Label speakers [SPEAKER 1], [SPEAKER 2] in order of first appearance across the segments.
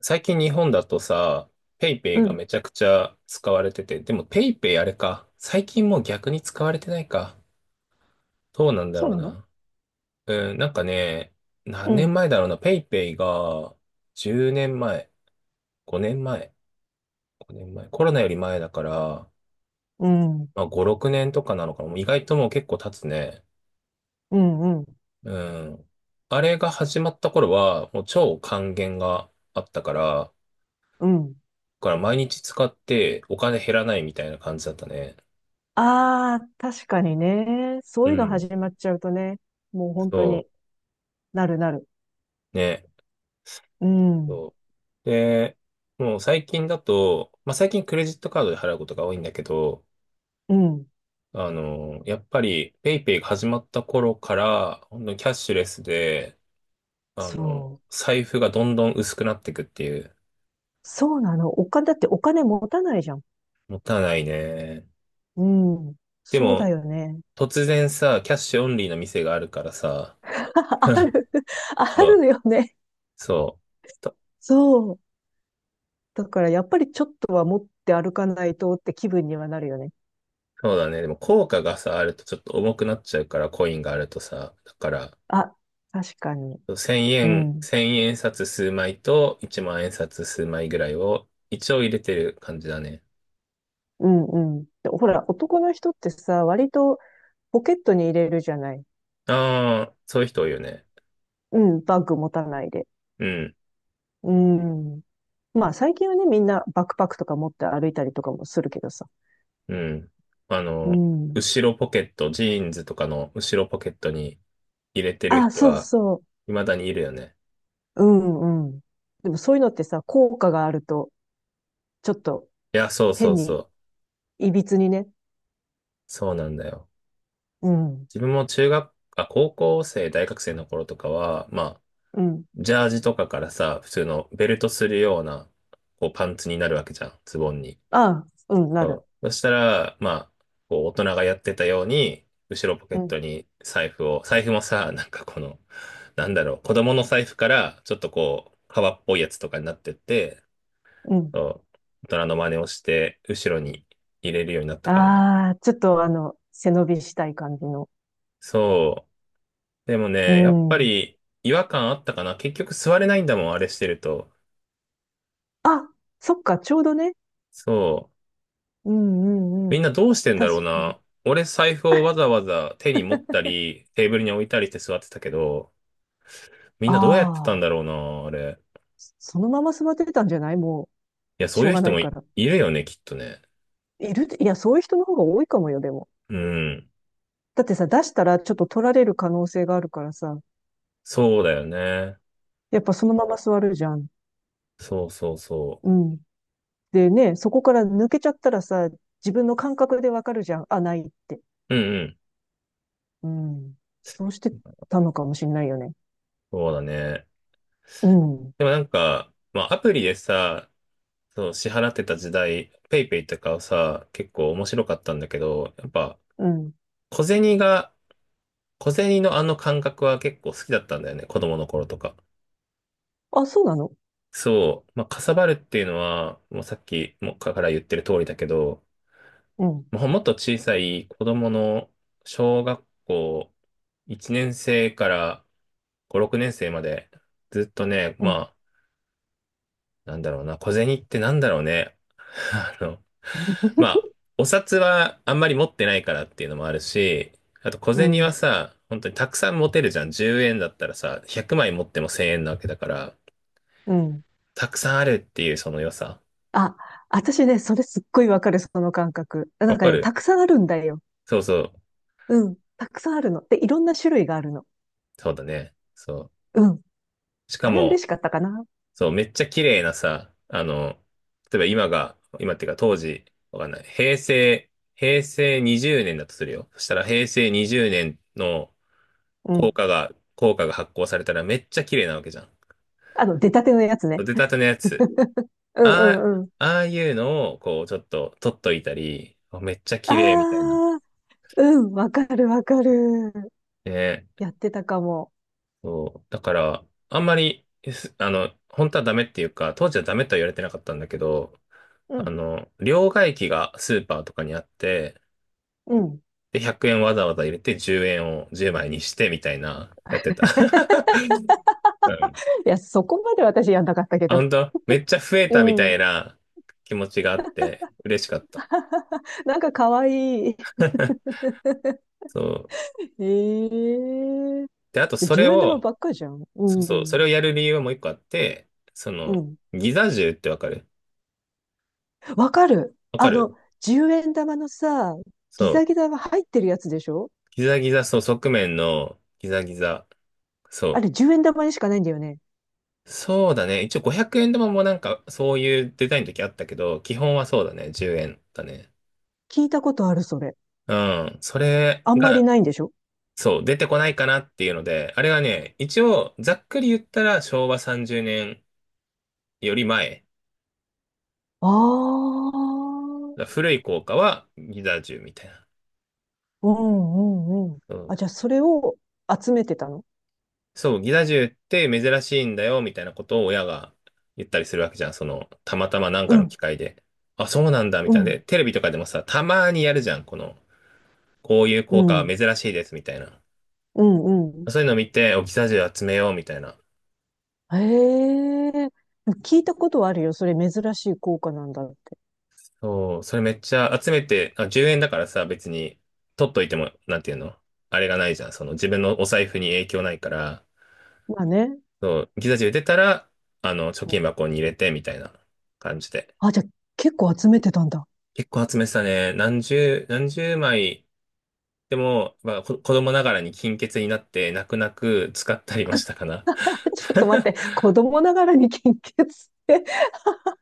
[SPEAKER 1] 最近日本だとさ、ペイペ
[SPEAKER 2] う
[SPEAKER 1] イが
[SPEAKER 2] ん。
[SPEAKER 1] めちゃくちゃ使われてて、でもペイペイあれか。最近もう逆に使われてないか。どうなんだ
[SPEAKER 2] そう
[SPEAKER 1] ろう
[SPEAKER 2] なの。
[SPEAKER 1] な。うん、なんかね、
[SPEAKER 2] う
[SPEAKER 1] 何年
[SPEAKER 2] ん。
[SPEAKER 1] 前だろうな。ペイペイが10年前、5年前、5年前、コロナより前だから、
[SPEAKER 2] うん。
[SPEAKER 1] まあ5、6年とかなのかな。もう意外ともう結構経つね。
[SPEAKER 2] うん。うん。
[SPEAKER 1] うん。あれが始まった頃は、もう超還元があったから、だ
[SPEAKER 2] うん。
[SPEAKER 1] から毎日使ってお金減らないみたいな感じだったね。
[SPEAKER 2] ああ、確かにね。そ
[SPEAKER 1] う
[SPEAKER 2] ういうの
[SPEAKER 1] ん。
[SPEAKER 2] 始まっちゃうとね。もう本当
[SPEAKER 1] そ
[SPEAKER 2] になるなる。
[SPEAKER 1] う、ね、
[SPEAKER 2] うん。
[SPEAKER 1] そう。で、もう最近だと、まあ、最近クレジットカードで払うことが多いんだけど、
[SPEAKER 2] うん。
[SPEAKER 1] やっぱり、ペイペイが始まった頃から、ほんとキャッシュレスで、
[SPEAKER 2] そう。
[SPEAKER 1] 財布がどんどん薄くなっていくっていう、
[SPEAKER 2] そうなの。お金、だってお金持たないじゃん。
[SPEAKER 1] もったいないね。
[SPEAKER 2] うん。
[SPEAKER 1] で
[SPEAKER 2] そうだ
[SPEAKER 1] も、
[SPEAKER 2] よね。
[SPEAKER 1] 突然さ、キャッシュオンリーの店があるからさ、
[SPEAKER 2] あ る。あ
[SPEAKER 1] そう、
[SPEAKER 2] るよね。
[SPEAKER 1] そう。
[SPEAKER 2] そう。だからやっぱりちょっとは持って歩かないとって気分にはなるよね。
[SPEAKER 1] そうだね。でも効果がさ、あるとちょっと重くなっちゃうから、コインがあるとさ。だから、
[SPEAKER 2] あ、確かに。
[SPEAKER 1] 1000
[SPEAKER 2] う
[SPEAKER 1] 円、
[SPEAKER 2] ん。
[SPEAKER 1] 1円札数枚と1万円札数枚ぐらいを一応入れてる感じだね。
[SPEAKER 2] うんうん。でほら、男の人ってさ、割とポケットに入れるじゃない。
[SPEAKER 1] ああー、そういう人多いよね。
[SPEAKER 2] うん、バッグ持たないで。
[SPEAKER 1] うん、
[SPEAKER 2] うん。まあ最近はね、みんなバックパックとか持って歩いたりとかもするけどさ。
[SPEAKER 1] うん。あ
[SPEAKER 2] う
[SPEAKER 1] の、
[SPEAKER 2] ん。
[SPEAKER 1] 後ろポケット、ジーンズとかの後ろポケットに入れてる
[SPEAKER 2] あ、
[SPEAKER 1] 人
[SPEAKER 2] そう
[SPEAKER 1] は
[SPEAKER 2] そ
[SPEAKER 1] 未だにいるよね。
[SPEAKER 2] う。うんうん。でもそういうのってさ、効果があると、ちょっと
[SPEAKER 1] いや、そうそ
[SPEAKER 2] 変
[SPEAKER 1] うそ
[SPEAKER 2] に、
[SPEAKER 1] う。
[SPEAKER 2] いびつにね。
[SPEAKER 1] そうなんだよ。
[SPEAKER 2] うん。
[SPEAKER 1] 自分も中学、あ、高校生、大学生の頃とかは、まあ、
[SPEAKER 2] うん。
[SPEAKER 1] ジャージとかからさ、普通のベルトするような、こう、パンツになるわけじゃん、ズボンに。
[SPEAKER 2] あ、うん、な
[SPEAKER 1] そ
[SPEAKER 2] る。
[SPEAKER 1] う。そしたら、まあ、こう、大人がやってたように、後ろポケ
[SPEAKER 2] う
[SPEAKER 1] ッ
[SPEAKER 2] ん。
[SPEAKER 1] トに財布もさ、なんかこの、なんだろう、子供の財布から、ちょっとこう、革っぽいやつとかになってって、
[SPEAKER 2] うん。
[SPEAKER 1] そう、大人の真似をして、後ろに入れるようになったかな。
[SPEAKER 2] ああ、ちょっとあの、背伸びしたい感じの。
[SPEAKER 1] そう。でも
[SPEAKER 2] う
[SPEAKER 1] ね、やっぱ
[SPEAKER 2] ん。
[SPEAKER 1] り、違和感あったかな。結局座れないんだもん、あれしてると。
[SPEAKER 2] あ、そっか、ちょうどね。
[SPEAKER 1] そう。
[SPEAKER 2] うんうんう
[SPEAKER 1] みん
[SPEAKER 2] ん。
[SPEAKER 1] などうしてんだろう
[SPEAKER 2] 確かに。
[SPEAKER 1] な。俺財布をわ ざわざ手に持ったり、テーブルに置いたりして座ってたけど、みん
[SPEAKER 2] あ
[SPEAKER 1] などうやってたんだ
[SPEAKER 2] あ。
[SPEAKER 1] ろうな、あれ。
[SPEAKER 2] そのまま座ってたんじゃない。も
[SPEAKER 1] いや、
[SPEAKER 2] う、
[SPEAKER 1] そ
[SPEAKER 2] し
[SPEAKER 1] う
[SPEAKER 2] ょう
[SPEAKER 1] いう
[SPEAKER 2] が
[SPEAKER 1] 人
[SPEAKER 2] ない
[SPEAKER 1] も
[SPEAKER 2] か
[SPEAKER 1] い、
[SPEAKER 2] ら。
[SPEAKER 1] いるよね、きっとね。
[SPEAKER 2] いる、いや、そういう人の方が多いかもよ、でも。
[SPEAKER 1] うん。
[SPEAKER 2] だってさ、出したらちょっと取られる可能性があるからさ、
[SPEAKER 1] そうだよね。
[SPEAKER 2] やっぱそのまま座るじゃん。
[SPEAKER 1] そうそうそ
[SPEAKER 2] うん。でね、そこから抜けちゃったらさ、自分の感覚でわかるじゃん。あ、ないって。
[SPEAKER 1] う。うんうん。
[SPEAKER 2] うん。そうしてたのかもしんないよね。
[SPEAKER 1] そうだね。
[SPEAKER 2] うん。
[SPEAKER 1] でもなんか、まあ、アプリでさ、そう、支払ってた時代、ペイペイとかはさ、結構面白かったんだけど、やっぱ、
[SPEAKER 2] うん。
[SPEAKER 1] 小銭が、小銭のあの感覚は結構好きだったんだよね、子供の頃とか。
[SPEAKER 2] あ、そうなの。
[SPEAKER 1] そう、まあ、かさばるっていうのは、もうさっきもから言ってる通りだけど、
[SPEAKER 2] うん。
[SPEAKER 1] もうもっと小さい子供の小学校1年生から5、6年生までずっとね、
[SPEAKER 2] う
[SPEAKER 1] ま
[SPEAKER 2] ん。
[SPEAKER 1] あ、なんだろうな、小銭ってなんだろうね。あの、まあ、お札はあんまり持ってないからっていうのもあるし、あと小
[SPEAKER 2] う
[SPEAKER 1] 銭は
[SPEAKER 2] ん。
[SPEAKER 1] さ、本当にたくさん持てるじゃん。10円だったらさ、100枚持っても1000円なわけだから、
[SPEAKER 2] うん。
[SPEAKER 1] たくさんあるっていうその良さ。
[SPEAKER 2] あ、私ね、それすっごいわかる、その感覚。な
[SPEAKER 1] わ
[SPEAKER 2] んか
[SPEAKER 1] か
[SPEAKER 2] ね、た
[SPEAKER 1] る。
[SPEAKER 2] くさんあるんだよ。
[SPEAKER 1] そうそう。
[SPEAKER 2] うん。たくさんあるの。で、いろんな種類があるの。
[SPEAKER 1] そうだね。そう。
[SPEAKER 2] うん。
[SPEAKER 1] しか
[SPEAKER 2] あれは
[SPEAKER 1] も、
[SPEAKER 2] 嬉しかったかな。
[SPEAKER 1] そう、めっちゃ綺麗なさ、例えば今が、今っていうか当時、わかんない。平成20年だとするよ。そしたら平成20年の
[SPEAKER 2] う
[SPEAKER 1] 硬
[SPEAKER 2] ん。
[SPEAKER 1] 貨が、硬貨が発行されたらめっちゃ綺麗なわけじゃ
[SPEAKER 2] あの、出たてのやつね。
[SPEAKER 1] ん。出たてのやつ。
[SPEAKER 2] うんう
[SPEAKER 1] あ
[SPEAKER 2] んうん。
[SPEAKER 1] あ、ああいうのを、こう、ちょっと取っといたり、めっちゃ
[SPEAKER 2] あ
[SPEAKER 1] 綺麗みたいな。
[SPEAKER 2] あ、うん。わかるわかる。
[SPEAKER 1] ね、
[SPEAKER 2] やってたかも。
[SPEAKER 1] そう。だから、あんまり、すあの、本当はダメっていうか、当時はダメとは言われてなかったんだけど、
[SPEAKER 2] うん。
[SPEAKER 1] 両替機がスーパーとかにあって、
[SPEAKER 2] うん。
[SPEAKER 1] で、100円わざわざ入れて10円を10枚にしてみたいな、やってた。うん。
[SPEAKER 2] いや、そこまで私やんなかったけ
[SPEAKER 1] あ、
[SPEAKER 2] ど。
[SPEAKER 1] 本当めっちゃ増え
[SPEAKER 2] う
[SPEAKER 1] たみた
[SPEAKER 2] ん。
[SPEAKER 1] いな気持ちがあって、嬉しかった。
[SPEAKER 2] なんかかわいい。
[SPEAKER 1] そう。
[SPEAKER 2] ええ。
[SPEAKER 1] で、あと
[SPEAKER 2] じゃ、
[SPEAKER 1] それ
[SPEAKER 2] 10円玉
[SPEAKER 1] を、
[SPEAKER 2] ばっかじゃん。う
[SPEAKER 1] そうそう、そ
[SPEAKER 2] ん。
[SPEAKER 1] れをやる理由はもう一個あって、そ
[SPEAKER 2] う
[SPEAKER 1] の、
[SPEAKER 2] ん。
[SPEAKER 1] ギザ銃ってわかる？
[SPEAKER 2] わかる。
[SPEAKER 1] わ
[SPEAKER 2] あ
[SPEAKER 1] かる。
[SPEAKER 2] の、10円玉のさ、
[SPEAKER 1] そ
[SPEAKER 2] ギザギ
[SPEAKER 1] う、
[SPEAKER 2] ザが入ってるやつでしょ。
[SPEAKER 1] ギザギザ、そう、側面のギザギザ。
[SPEAKER 2] あ
[SPEAKER 1] そ
[SPEAKER 2] れ、10円玉にしかないんだよね。
[SPEAKER 1] う。そうだね。一応500円玉もなんかそういうデザインの時あったけど、基本はそうだね。10円だね。
[SPEAKER 2] 聞いたことある、それ。
[SPEAKER 1] うん。それ
[SPEAKER 2] あんまり
[SPEAKER 1] が、
[SPEAKER 2] ないんでしょ。
[SPEAKER 1] そう、出てこないかなっていうので、あれはね、一応ざっくり言ったら昭和30年より前。
[SPEAKER 2] ああ。
[SPEAKER 1] 古い硬貨はギザ1みたいな。
[SPEAKER 2] うんうんうん。あ、じゃあ、それを集めてたの？
[SPEAKER 1] そう、ギザ銃って珍しいんだよ、みたいなことを親が言ったりするわけじゃん。その、たまたまなん
[SPEAKER 2] う
[SPEAKER 1] かの機
[SPEAKER 2] ん、
[SPEAKER 1] 会で。あ、そうなんだ、み
[SPEAKER 2] う
[SPEAKER 1] たいな。で、
[SPEAKER 2] ん、
[SPEAKER 1] テレビとかでもさ、たまにやるじゃん。この、こういう
[SPEAKER 2] う
[SPEAKER 1] 効果は
[SPEAKER 2] ん、
[SPEAKER 1] 珍しいです、みたいな。
[SPEAKER 2] うん、うん。
[SPEAKER 1] そういうのを見て、お、ギザ銃集めよう、みたいな。
[SPEAKER 2] へえ。聞いたことはあるよ。それ珍しい効果なんだって。
[SPEAKER 1] そう、それめっちゃ集めて、あ、10円だからさ、別に、取っといても、なんていうのあれがないじゃん。その、自分のお財布に影響ないから、
[SPEAKER 2] まあね。
[SPEAKER 1] そう、ギザ銃出たら、貯金箱に入れて、みたいな感じで。
[SPEAKER 2] あ、じゃあ、結構集めてたんだ。
[SPEAKER 1] 結構集めてたね。何十枚。でも、まあ、子供ながらに金欠になって、泣く泣く使ったりもしたかな。
[SPEAKER 2] ちょっと待って、子供ながらに献血って。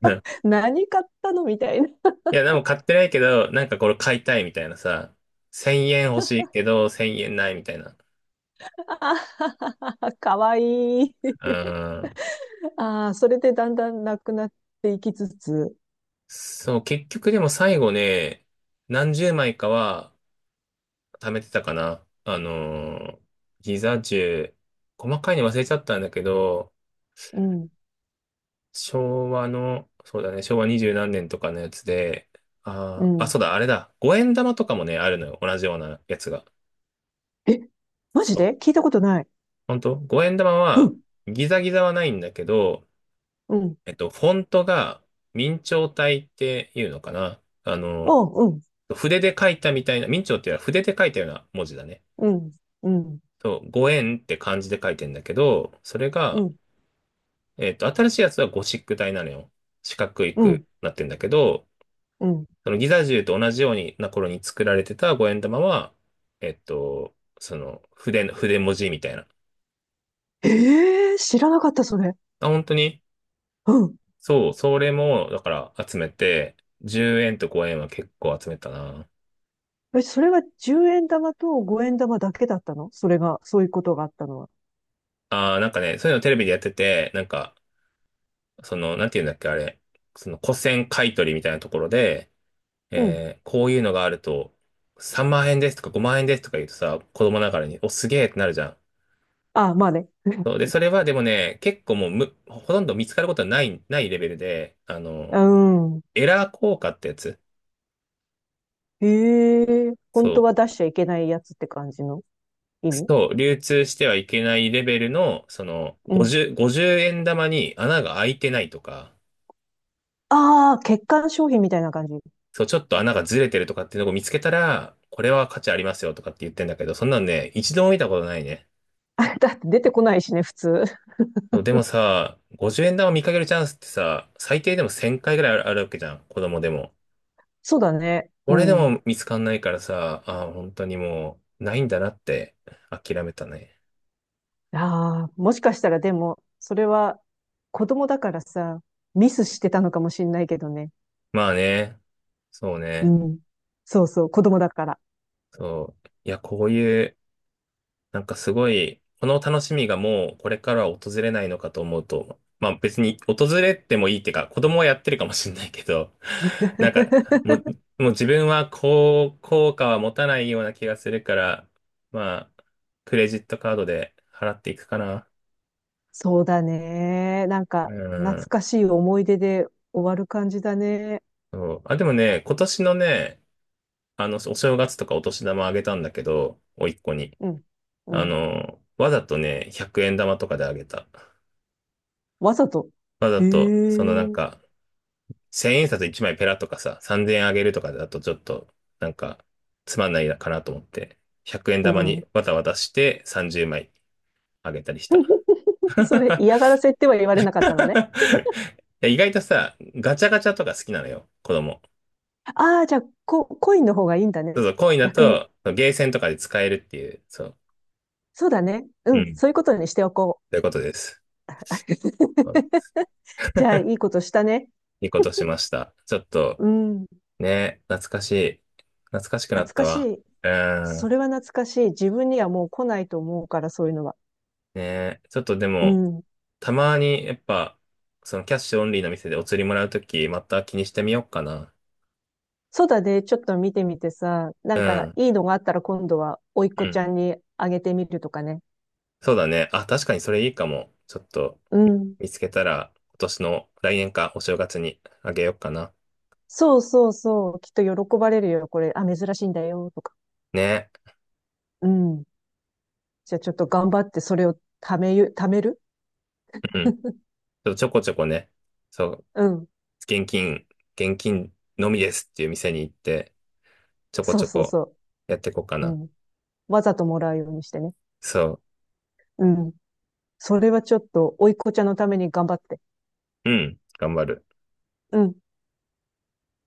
[SPEAKER 1] うん。
[SPEAKER 2] 何買ったのみたいな。
[SPEAKER 1] いや、でも買ってないけど、なんかこれ買いたいみたいなさ。1000円欲しいけど、1000円ないみたいな。
[SPEAKER 2] あはははかわいい。
[SPEAKER 1] うん。
[SPEAKER 2] ああ、それでだんだんなくなっていきつつ、
[SPEAKER 1] そう、結局でも最後ね、何十枚かは貯めてたかな。ギザ十細かいの忘れちゃったんだけど、
[SPEAKER 2] うん。
[SPEAKER 1] 昭和の、そうだね、昭和二十何年とかのやつで、
[SPEAKER 2] う
[SPEAKER 1] あ、
[SPEAKER 2] ん。
[SPEAKER 1] そうだ、あれだ、五円玉とかもね、あるのよ、同じようなやつが。
[SPEAKER 2] え、マジ
[SPEAKER 1] そ
[SPEAKER 2] で聞
[SPEAKER 1] う。
[SPEAKER 2] いたことない。
[SPEAKER 1] 本当五円玉
[SPEAKER 2] う
[SPEAKER 1] は、
[SPEAKER 2] ん、
[SPEAKER 1] ギザギザはないんだけど、
[SPEAKER 2] うん、
[SPEAKER 1] フォントが、明朝体っていうのかな。
[SPEAKER 2] おう、
[SPEAKER 1] 筆で書いたみたいな、明朝っていうのは筆で書いたような文字だね。
[SPEAKER 2] うん、うん、うん、
[SPEAKER 1] そう、五円って漢字で書いてんだけど、それが、新しいやつはゴシック体なのよ。四角
[SPEAKER 2] う
[SPEAKER 1] く
[SPEAKER 2] ん、
[SPEAKER 1] なってんだけど、
[SPEAKER 2] うん。
[SPEAKER 1] そのギザ銃と同じようにな頃に作られてた五円玉は、その筆文字みたいな。
[SPEAKER 2] ええー、知らなかった、それ。
[SPEAKER 1] あ、本当に
[SPEAKER 2] うん。
[SPEAKER 1] そう、それも、だから集めて、10円と5円は結構集めたな。
[SPEAKER 2] え、それは10円玉と5円玉だけだったの？それが、そういうことがあったのは。
[SPEAKER 1] ああなんかね、そういうのテレビでやってて、なんか、その、なんていうんだっけ、あれ、その古銭買い取りみたいなところで、
[SPEAKER 2] うん。
[SPEAKER 1] こういうのがあると、3万円ですとか5万円ですとか言うとさ、子供ながらに、お、すげえってなるじゃん。
[SPEAKER 2] あ、まあね。
[SPEAKER 1] そうで、それはでもね、結構もうむ、ほとんど見つかることはない、ないレベルで、
[SPEAKER 2] うん。
[SPEAKER 1] エラー効果ってやつ。
[SPEAKER 2] ええー、本
[SPEAKER 1] そ
[SPEAKER 2] 当
[SPEAKER 1] う。
[SPEAKER 2] は出しちゃいけないやつって感じの意味？
[SPEAKER 1] そう、流通してはいけないレベルの、その、
[SPEAKER 2] うん。
[SPEAKER 1] 50、50円玉に穴が開いてないとか、
[SPEAKER 2] ああ、欠陥商品みたいな感じ。
[SPEAKER 1] そう、ちょっと穴がずれてるとかっていうのを見つけたら、これは価値ありますよとかって言ってんだけど、そんなのね、一度も見たことないね。
[SPEAKER 2] あ、だって出てこないしね、普通。
[SPEAKER 1] そう、でもさ、50円玉見かけるチャンスってさ、最低でも1000回ぐらいあるわけじゃん、子供でも。
[SPEAKER 2] そうだね。う
[SPEAKER 1] 俺で
[SPEAKER 2] ん。
[SPEAKER 1] も見つかんないからさ、ああ、本当にもう、ないんだなって諦めたね。
[SPEAKER 2] ああ、もしかしたらでも、それは子供だからさ、ミスしてたのかもしんないけどね。
[SPEAKER 1] まあね、そう
[SPEAKER 2] う
[SPEAKER 1] ね、
[SPEAKER 2] ん。そうそう、子供だから。
[SPEAKER 1] そう。いや、こういう、なんかすごい、この楽しみがもうこれからは訪れないのかと思うと、まあ別に訪れてもいいっていうか、子供はやってるかもしれないけど、なんか、も う、もう自分はこう、効果は持たないような気がするから、まあ、クレジットカードで払っていくかな。
[SPEAKER 2] そうだね。なん
[SPEAKER 1] う
[SPEAKER 2] か、懐
[SPEAKER 1] ん。
[SPEAKER 2] かしい思い出で終わる感じだね。
[SPEAKER 1] そう。あ、でもね、今年のね、お正月とかお年玉あげたんだけど、甥っ子に。
[SPEAKER 2] うん。うん。
[SPEAKER 1] わざとね、100円玉とかであげた。
[SPEAKER 2] わざと。
[SPEAKER 1] わざ
[SPEAKER 2] へ
[SPEAKER 1] と、そのなん
[SPEAKER 2] え。
[SPEAKER 1] か、1000円札1枚ペラとかさ、3000円あげるとかだとちょっと、なんか、つまんないかなと思って、100円
[SPEAKER 2] う
[SPEAKER 1] 玉
[SPEAKER 2] ん。
[SPEAKER 1] にわたわたして30枚あげたりした。
[SPEAKER 2] それ 嫌がらせっては言われなかったのね。
[SPEAKER 1] 意外とさ、ガチャガチャとか好きなのよ、子供。
[SPEAKER 2] ああ、じゃあ、コインの方がいいんだ
[SPEAKER 1] そう
[SPEAKER 2] ね。
[SPEAKER 1] そう、コインだ
[SPEAKER 2] 逆に。
[SPEAKER 1] と、ゲーセンとかで使えるっていう、そう。
[SPEAKER 2] そうだね。う
[SPEAKER 1] う
[SPEAKER 2] ん。
[SPEAKER 1] ん。
[SPEAKER 2] そういうことにしておこう。
[SPEAKER 1] ということです。
[SPEAKER 2] じゃあ、いいことしたね。
[SPEAKER 1] いいことしました。ちょっと、
[SPEAKER 2] うん。
[SPEAKER 1] ね、懐かしい。懐かしくなっ
[SPEAKER 2] 懐
[SPEAKER 1] た
[SPEAKER 2] かし
[SPEAKER 1] わ。
[SPEAKER 2] い。
[SPEAKER 1] うー
[SPEAKER 2] そ
[SPEAKER 1] ん。
[SPEAKER 2] れは懐かしい。自分にはもう来ないと思うから、そういうのは。
[SPEAKER 1] ね、ちょっとで
[SPEAKER 2] う
[SPEAKER 1] も、
[SPEAKER 2] ん。
[SPEAKER 1] たまに、やっぱ、そのキャッシュオンリーの店でお釣りもらうとき、また気にしてみようかな。
[SPEAKER 2] そうだね。ちょっと見てみてさ、な
[SPEAKER 1] う
[SPEAKER 2] んか
[SPEAKER 1] ん。
[SPEAKER 2] いいのがあったら今度は、甥っ
[SPEAKER 1] う
[SPEAKER 2] 子ち
[SPEAKER 1] ん。
[SPEAKER 2] ゃんにあげてみるとかね。
[SPEAKER 1] そうだね。あ、確かにそれいいかも。ちょっと、
[SPEAKER 2] うん。
[SPEAKER 1] 見つけたら、今年の来年か、お正月にあげようかな。
[SPEAKER 2] そうそうそう。きっと喜ばれるよ。これ、あ、珍しいんだよ。とか。
[SPEAKER 1] ね。
[SPEAKER 2] うん。じゃあちょっと頑張ってそれを貯める。
[SPEAKER 1] うん。ちょっとちょこちょこね、そう、
[SPEAKER 2] うん。
[SPEAKER 1] 現金、現金のみですっていう店に行って、ちょこ
[SPEAKER 2] そ
[SPEAKER 1] ち
[SPEAKER 2] う
[SPEAKER 1] ょ
[SPEAKER 2] そう
[SPEAKER 1] こ
[SPEAKER 2] そ
[SPEAKER 1] やっていこうか
[SPEAKER 2] う。う
[SPEAKER 1] な。
[SPEAKER 2] ん。わざともらうようにしてね。
[SPEAKER 1] そう。
[SPEAKER 2] うん。それはちょっと、甥っ子ちゃんのために頑張って。
[SPEAKER 1] うん、頑張る。
[SPEAKER 2] うん。